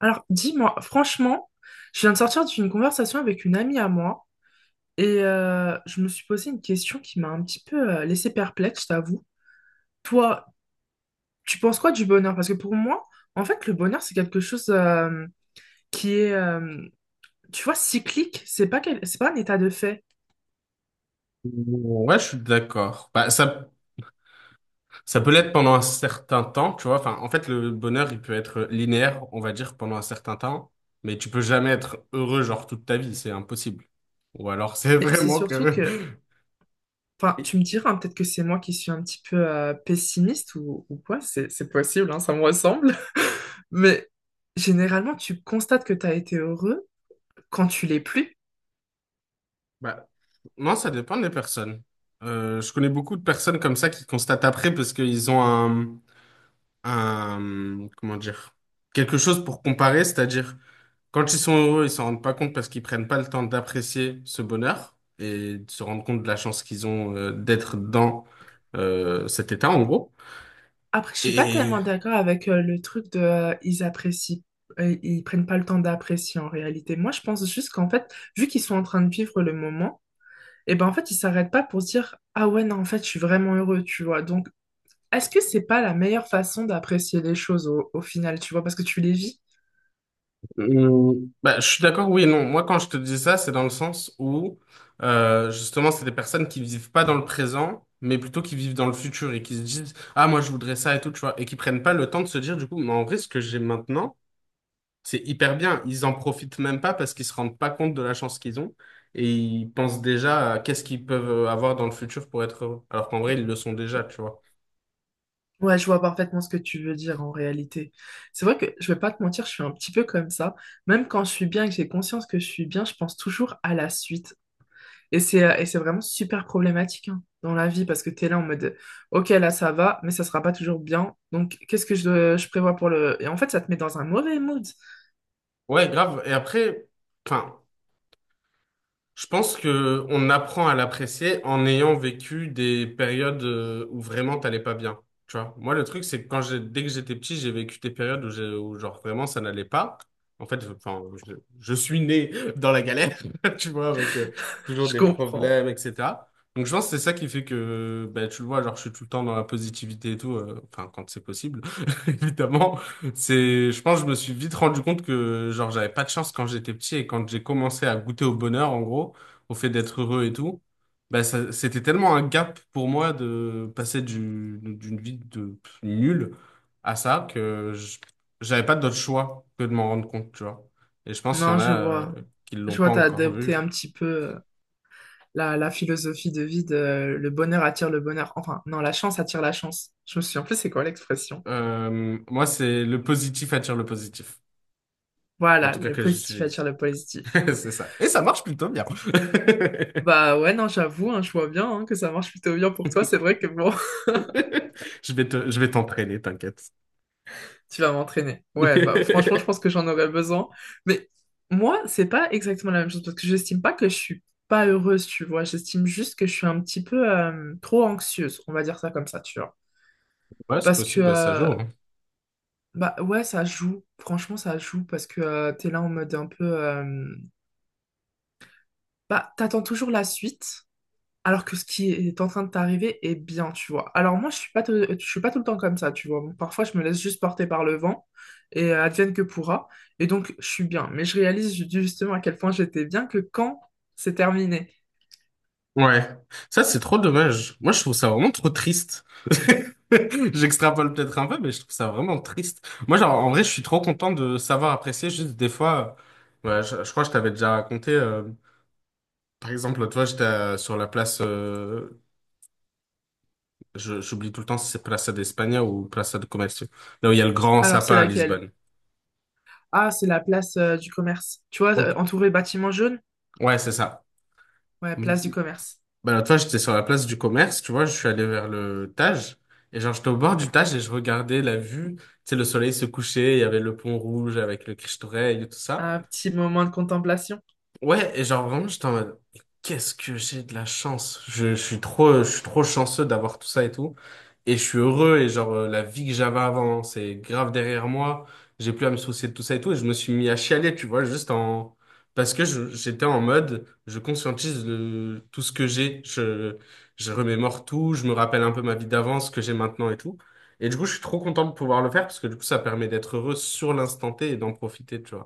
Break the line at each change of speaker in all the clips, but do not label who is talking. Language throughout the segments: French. Alors, dis-moi, franchement, je viens de sortir d'une conversation avec une amie à moi et je me suis posé une question qui m'a un petit peu laissé perplexe, je t'avoue. Toi, tu penses quoi du bonheur? Parce que pour moi, en fait, le bonheur, c'est quelque chose qui est, tu vois, cyclique. C'est pas c'est pas un état de fait.
Ouais, je suis d'accord. Bah, ça peut l'être pendant un certain temps, tu vois. Enfin, en fait, le bonheur, il peut être linéaire, on va dire, pendant un certain temps, mais tu peux jamais être heureux, genre, toute ta vie, c'est impossible. Ou alors, c'est
Mais c'est
vraiment
surtout
que...
que, enfin,
Oui.
tu me diras, hein, peut-être que c'est moi qui suis un petit peu pessimiste ou quoi, c'est possible, hein, ça me ressemble. Mais généralement, tu constates que tu as été heureux quand tu l'es plus.
Bah, non, ça dépend des personnes. Je connais beaucoup de personnes comme ça qui constatent après parce qu'ils ont un, comment dire, quelque chose pour comparer, c'est-à-dire quand ils sont heureux, ils s'en rendent pas compte parce qu'ils prennent pas le temps d'apprécier ce bonheur et de se rendre compte de la chance qu'ils ont d'être dans cet état, en gros.
Après, je suis pas
Et
tellement d'accord avec le truc de ils apprécient, ils prennent pas le temps d'apprécier en réalité. Moi, je pense juste qu'en fait, vu qu'ils sont en train de vivre le moment, et ben en fait, ils s'arrêtent pas pour se dire ah ouais, non, en fait, je suis vraiment heureux, tu vois. Donc, est-ce que c'est pas la meilleure façon d'apprécier les choses au, au final, tu vois, parce que tu les vis?
euh, bah, je suis d'accord, oui et non. Moi, quand je te dis ça, c'est dans le sens où justement, c'est des personnes qui vivent pas dans le présent, mais plutôt qui vivent dans le futur et qui se disent, ah, moi, je voudrais ça et tout, tu vois, et qui prennent pas le temps de se dire, du coup, mais en vrai, ce que j'ai maintenant. C'est hyper bien. Ils en profitent même pas parce qu'ils se rendent pas compte de la chance qu'ils ont et ils pensent déjà à qu'est-ce qu'ils peuvent avoir dans le futur pour être heureux. Alors qu'en vrai, ils le sont déjà, tu vois.
Ouais, je vois parfaitement ce que tu veux dire en réalité. C'est vrai que je vais pas te mentir, je suis un petit peu comme ça. Même quand je suis bien et que j'ai conscience que je suis bien, je pense toujours à la suite. Et c'est vraiment super problématique hein, dans la vie parce que tu es là en mode OK, là ça va, mais ça sera pas toujours bien. Donc qu'est-ce que je prévois pour le… Et en fait, ça te met dans un mauvais mood.
Ouais, grave. Et après, enfin. Je pense que on apprend à l'apprécier en ayant vécu des périodes où vraiment t'allais pas bien. Tu vois, moi le truc c'est que quand j'ai dès que j'étais petit, j'ai vécu des périodes où, où genre vraiment ça n'allait pas. En fait, enfin, je suis né dans la galère, tu vois, avec toujours
Je
des
comprends.
problèmes, etc. Donc je pense que c'est ça qui fait que ben, tu le vois, genre je suis tout le temps dans la positivité et tout, enfin quand c'est possible, évidemment. C'est, je pense, que je me suis vite rendu compte que, genre, j'avais pas de chance quand j'étais petit et quand j'ai commencé à goûter au bonheur, en gros, au fait d'être heureux et tout, bah, ça, c'était tellement un gap pour moi de passer d'une vie de nulle à ça que j'avais pas d'autre choix que de m'en rendre compte, tu vois. Et je pense qu'il y
Non,
en
je
a,
vois.
qui
Je
l'ont
vois,
pas
t'as
encore
adopté un
vu.
petit peu la, la philosophie de vie de le bonheur attire le bonheur. Enfin, non, la chance attire la chance. Je me souviens plus c'est quoi l'expression.
Moi, c'est le positif attire le positif. En
Voilà,
tout cas,
le
que
positif attire
j'utilise.
le positif.
C'est ça. Et ça marche plutôt bien.
Bah ouais, non, j'avoue, hein, je vois bien hein, que ça marche plutôt bien pour toi. C'est vrai que bon,
Je vais t'entraîner, t'inquiète.
tu vas m'entraîner. Ouais, bah franchement, je pense que j'en aurais besoin. Mais moi, c'est pas exactement la même chose parce que j'estime pas que je suis pas heureuse, tu vois. J'estime juste que je suis un petit peu trop anxieuse, on va dire ça comme ça, tu vois.
Ouais, c'est
Parce que,
possible, bah, ça joue, hein.
bah ouais, ça joue. Franchement, ça joue parce que t'es là en mode un peu. Bah, t'attends toujours la suite. Alors que ce qui est en train de t'arriver est bien, tu vois. Alors moi, je suis pas, je suis pas tout le temps comme ça, tu vois. Parfois, je me laisse juste porter par le vent et advienne que pourra. Et donc, je suis bien. Mais je réalise justement à quel point j'étais bien que quand c'est terminé.
Ouais. Ça, c'est trop dommage. Moi, je trouve ça vraiment trop triste. J'extrapole peut-être un peu, mais je trouve ça vraiment triste. Moi, genre, en vrai, je suis trop content de savoir apprécier. Juste des fois, ouais, je crois que je t'avais déjà raconté, par exemple, l'autre fois, j'étais sur la place. J'oublie tout le temps si c'est Plaza d'Espagne ou Plaza de Comercio. Là où il y a le grand
Alors, c'est
sapin à
laquelle?
Lisbonne.
Ah, c'est la place du commerce. Tu vois,
Ok.
entourée bâtiments jaunes?
Ouais, c'est ça.
Ouais, place du commerce.
Bah, l'autre fois, j'étais sur la place du commerce, tu vois, je suis allé vers le Tage. Et genre, j'étais au bord du Tage et je regardais la vue. Tu sais, le soleil se couchait, il y avait le pont rouge avec le Christ-Rey et tout ça.
Un petit moment de contemplation.
Ouais, et genre vraiment, j'étais en mode, mais qu'est-ce que j'ai de la chance. Je suis trop chanceux d'avoir tout ça et tout. Et je suis heureux et genre, la vie que j'avais avant, c'est grave derrière moi. J'ai plus à me soucier de tout ça et tout. Et je me suis mis à chialer, tu vois, parce que j'étais en mode, je conscientise tout ce que j'ai. Je remémore tout, je me rappelle un peu ma vie d'avant, ce que j'ai maintenant et tout. Et du coup, je suis trop content de pouvoir le faire parce que du coup, ça permet d'être heureux sur l'instant T et d'en profiter, tu vois.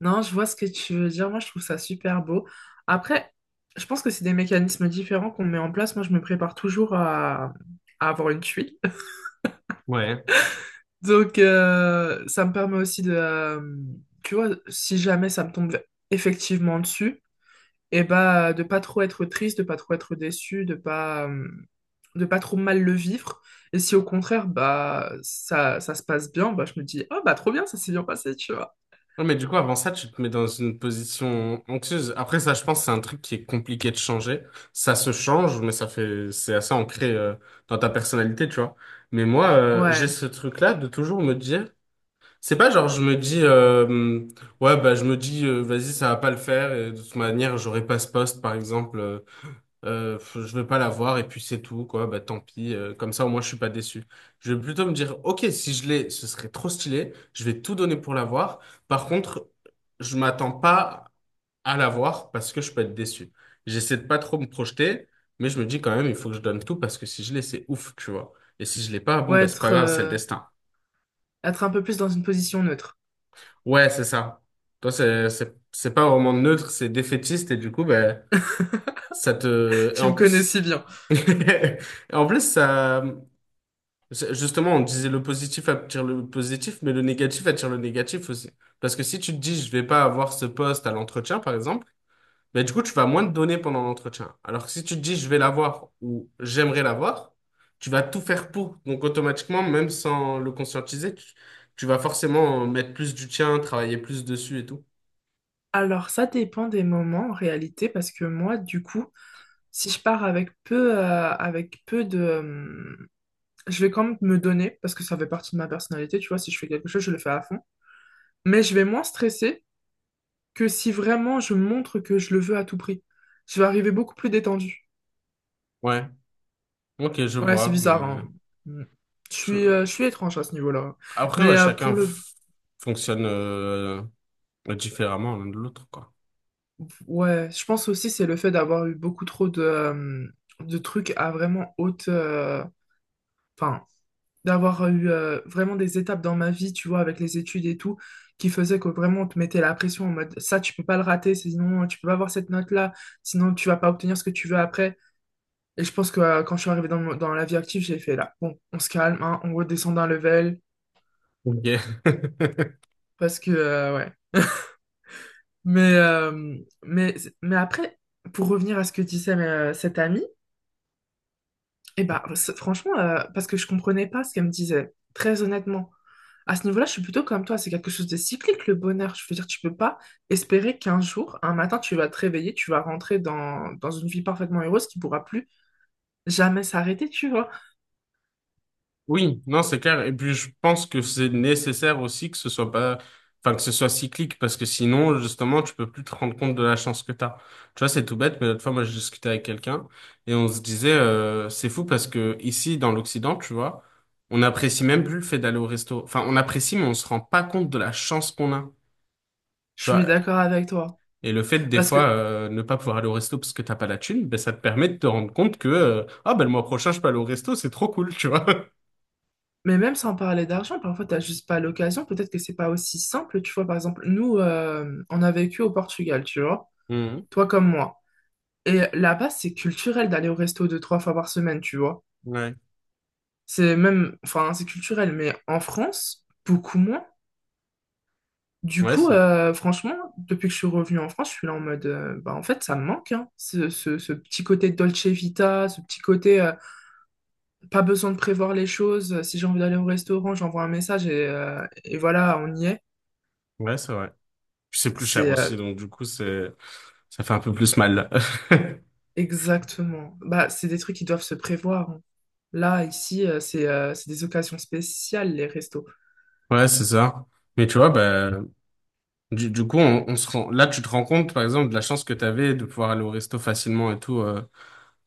Non, je vois ce que tu veux dire. Moi, je trouve ça super beau. Après, je pense que c'est des mécanismes différents qu'on met en place. Moi, je me prépare toujours à avoir une tuile.
Ouais.
Donc, ça me permet aussi de, tu vois, si jamais ça me tombe effectivement dessus, et bah, de pas trop être triste, de pas trop être déçu, de pas trop mal le vivre. Et si au contraire, bah, ça se passe bien, bah, je me dis, oh, bah, trop bien, ça s'est bien passé, tu vois.
Non, mais du coup, avant ça, tu te mets dans une position anxieuse. Après, ça, je pense, c'est un truc qui est compliqué de changer. Ça se change, mais ça fait, c'est assez ancré dans ta personnalité, tu vois. Mais moi, j'ai
Ouais,
ce truc-là de toujours me dire, c'est pas genre, je me dis, ouais, bah, je me dis, vas-y, ça va pas le faire, et de toute manière, j'aurai pas ce poste, par exemple. Je vais pas la voir et puis c'est tout, quoi. Bah tant pis, comme ça au moins je suis pas déçu. Je vais plutôt me dire, ok, si je l'ai ce serait trop stylé, je vais tout donner pour la voir. Par contre, je m'attends pas à la voir parce que je peux être déçu. J'essaie de pas trop me projeter, mais je me dis quand même il faut que je donne tout parce que si je l'ai c'est ouf, tu vois. Et si je l'ai pas, bon,
ouais,
bah c'est pas
être,
grave, c'est le destin.
être un peu plus dans une position neutre.
Ouais, c'est ça. Toi, c'est pas vraiment neutre, c'est défaitiste, et du coup ben ça te, et
Tu
en
me connais si
plus.
bien.
Et en plus, ça. Justement, on disait le positif attire le positif, mais le négatif attire le négatif aussi. Parce que si tu te dis, je vais pas avoir ce poste à l'entretien, par exemple, ben du coup, tu vas moins te donner pendant l'entretien. Alors que si tu te dis, je vais l'avoir ou j'aimerais l'avoir, tu vas tout faire pour. Donc, automatiquement, même sans le conscientiser, tu vas forcément mettre plus du tien, travailler plus dessus et tout.
Alors, ça dépend des moments en réalité, parce que moi, du coup, si je pars avec peu de… je vais quand même me donner, parce que ça fait partie de ma personnalité, tu vois, si je fais quelque chose, je le fais à fond. Mais je vais moins stresser que si vraiment je montre que je le veux à tout prix. Je vais arriver beaucoup plus détendue.
Ouais, ok, je
Ouais, c'est
vois.
bizarre, hein. Mm. Je
Je-
suis étrange à ce niveau-là.
Après,
Mais
ouais,
pour
chacun
le…
fonctionne différemment l'un de l'autre, quoi.
Ouais, je pense aussi c'est le fait d'avoir eu beaucoup trop de trucs à vraiment haute… Enfin, d'avoir eu vraiment des étapes dans ma vie, tu vois, avec les études et tout, qui faisaient que vraiment on te mettait la pression en mode ça, tu peux pas le rater, sinon tu peux pas avoir cette note-là, sinon tu vas pas obtenir ce que tu veux après. Et je pense que quand je suis arrivée dans, dans la vie active, j'ai fait là, bon, on se calme, hein, on redescend d'un level,
Ok.
parce que, ouais. Mais, euh, mais, mais après, pour revenir à ce que disait cette amie, et bah, franchement, parce que je comprenais pas ce qu'elle me disait, très honnêtement. À ce niveau-là, je suis plutôt comme toi, c'est quelque chose de cyclique, le bonheur. Je veux dire, tu peux pas espérer qu'un jour, un matin, tu vas te réveiller, tu vas rentrer dans, dans une vie parfaitement heureuse qui pourra plus jamais s'arrêter, tu vois.
Oui, non, c'est clair. Et puis, je pense que c'est nécessaire aussi que ce soit pas, enfin, que ce soit cyclique, parce que sinon, justement, tu peux plus te rendre compte de la chance que t'as. Tu vois, c'est tout bête, mais l'autre fois, moi, je discutais avec quelqu'un et on se disait, c'est fou parce que ici, dans l'Occident, tu vois, on n'apprécie même plus le fait d'aller au resto. Enfin, on apprécie, mais on se rend pas compte de la chance qu'on a.
Je
Tu
suis
vois,
d'accord avec toi.
et le fait, des
Parce
fois,
que,
ne pas pouvoir aller au resto parce que t'as pas la thune, ben, ça te permet de te rendre compte que, ah, ben, le mois prochain, je peux aller au resto, c'est trop cool, tu vois.
mais même sans parler d'argent, parfois, t'as juste pas l'occasion. Peut-être que c'est pas aussi simple, tu vois. Par exemple, nous, on a vécu au Portugal, tu vois.
Mhm.
Toi comme moi. Et là-bas, c'est culturel d'aller au resto deux, trois fois par semaine, tu vois.
Ouais.
C'est même, enfin, c'est culturel, mais en France, beaucoup moins. Du
Ouais, c'est
coup,
vrai.
franchement, depuis que je suis revenue en France, je suis là en mode, bah, en fait, ça me manque, hein, ce, ce petit côté Dolce Vita, ce petit côté, pas besoin de prévoir les choses. Si j'ai envie d'aller au restaurant, j'envoie un message et voilà, on y est.
Ouais, c'est vrai. Puis c'est plus cher
C'est
aussi, donc du coup, ça fait un peu plus mal.
exactement. Bah, c'est des trucs qui doivent se prévoir. Hein. Là, ici, c'est des occasions spéciales, les restos.
Ouais, c'est ça. Mais tu vois, bah, du coup, on se rend, là, tu te rends compte, par exemple, de la chance que tu avais de pouvoir aller au resto facilement et tout,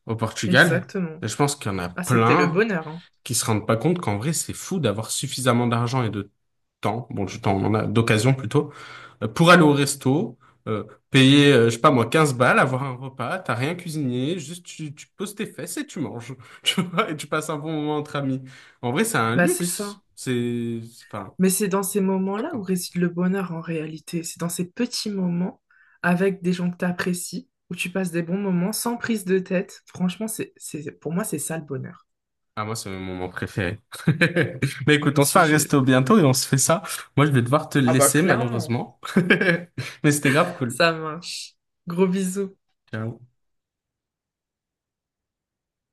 au Portugal.
Exactement.
Et je pense qu'il y en a
Ah, c'était le
plein
bonheur, hein.
qui se rendent pas compte qu'en vrai, c'est fou d'avoir suffisamment d'argent et de temps, bon, du temps, on en a d'occasion plutôt, pour aller au resto, euh, payer, je sais pas moi, 15 balles, avoir un repas, t'as rien cuisiné, juste tu poses tes fesses et tu manges, tu vois, et tu passes un bon moment entre amis. En vrai, c'est un
Bah, c'est ça.
luxe. Enfin,
Mais c'est dans ces
je sais pas,
moments-là où
quoi.
réside le bonheur en réalité. C'est dans ces petits moments avec des gens que tu apprécies, où tu passes des bons moments sans prise de tête. Franchement, c'est, pour moi, c'est ça le bonheur.
Ah, moi, c'est mon moment préféré. Mais
Non,
écoute,
mais
on se fait
c'est
un
je…
resto bientôt et on se fait ça. Moi, je vais devoir te
Ah bah
laisser,
clairement,
malheureusement. Mais c'était grave cool.
ça marche. Gros bisous.
Ciao.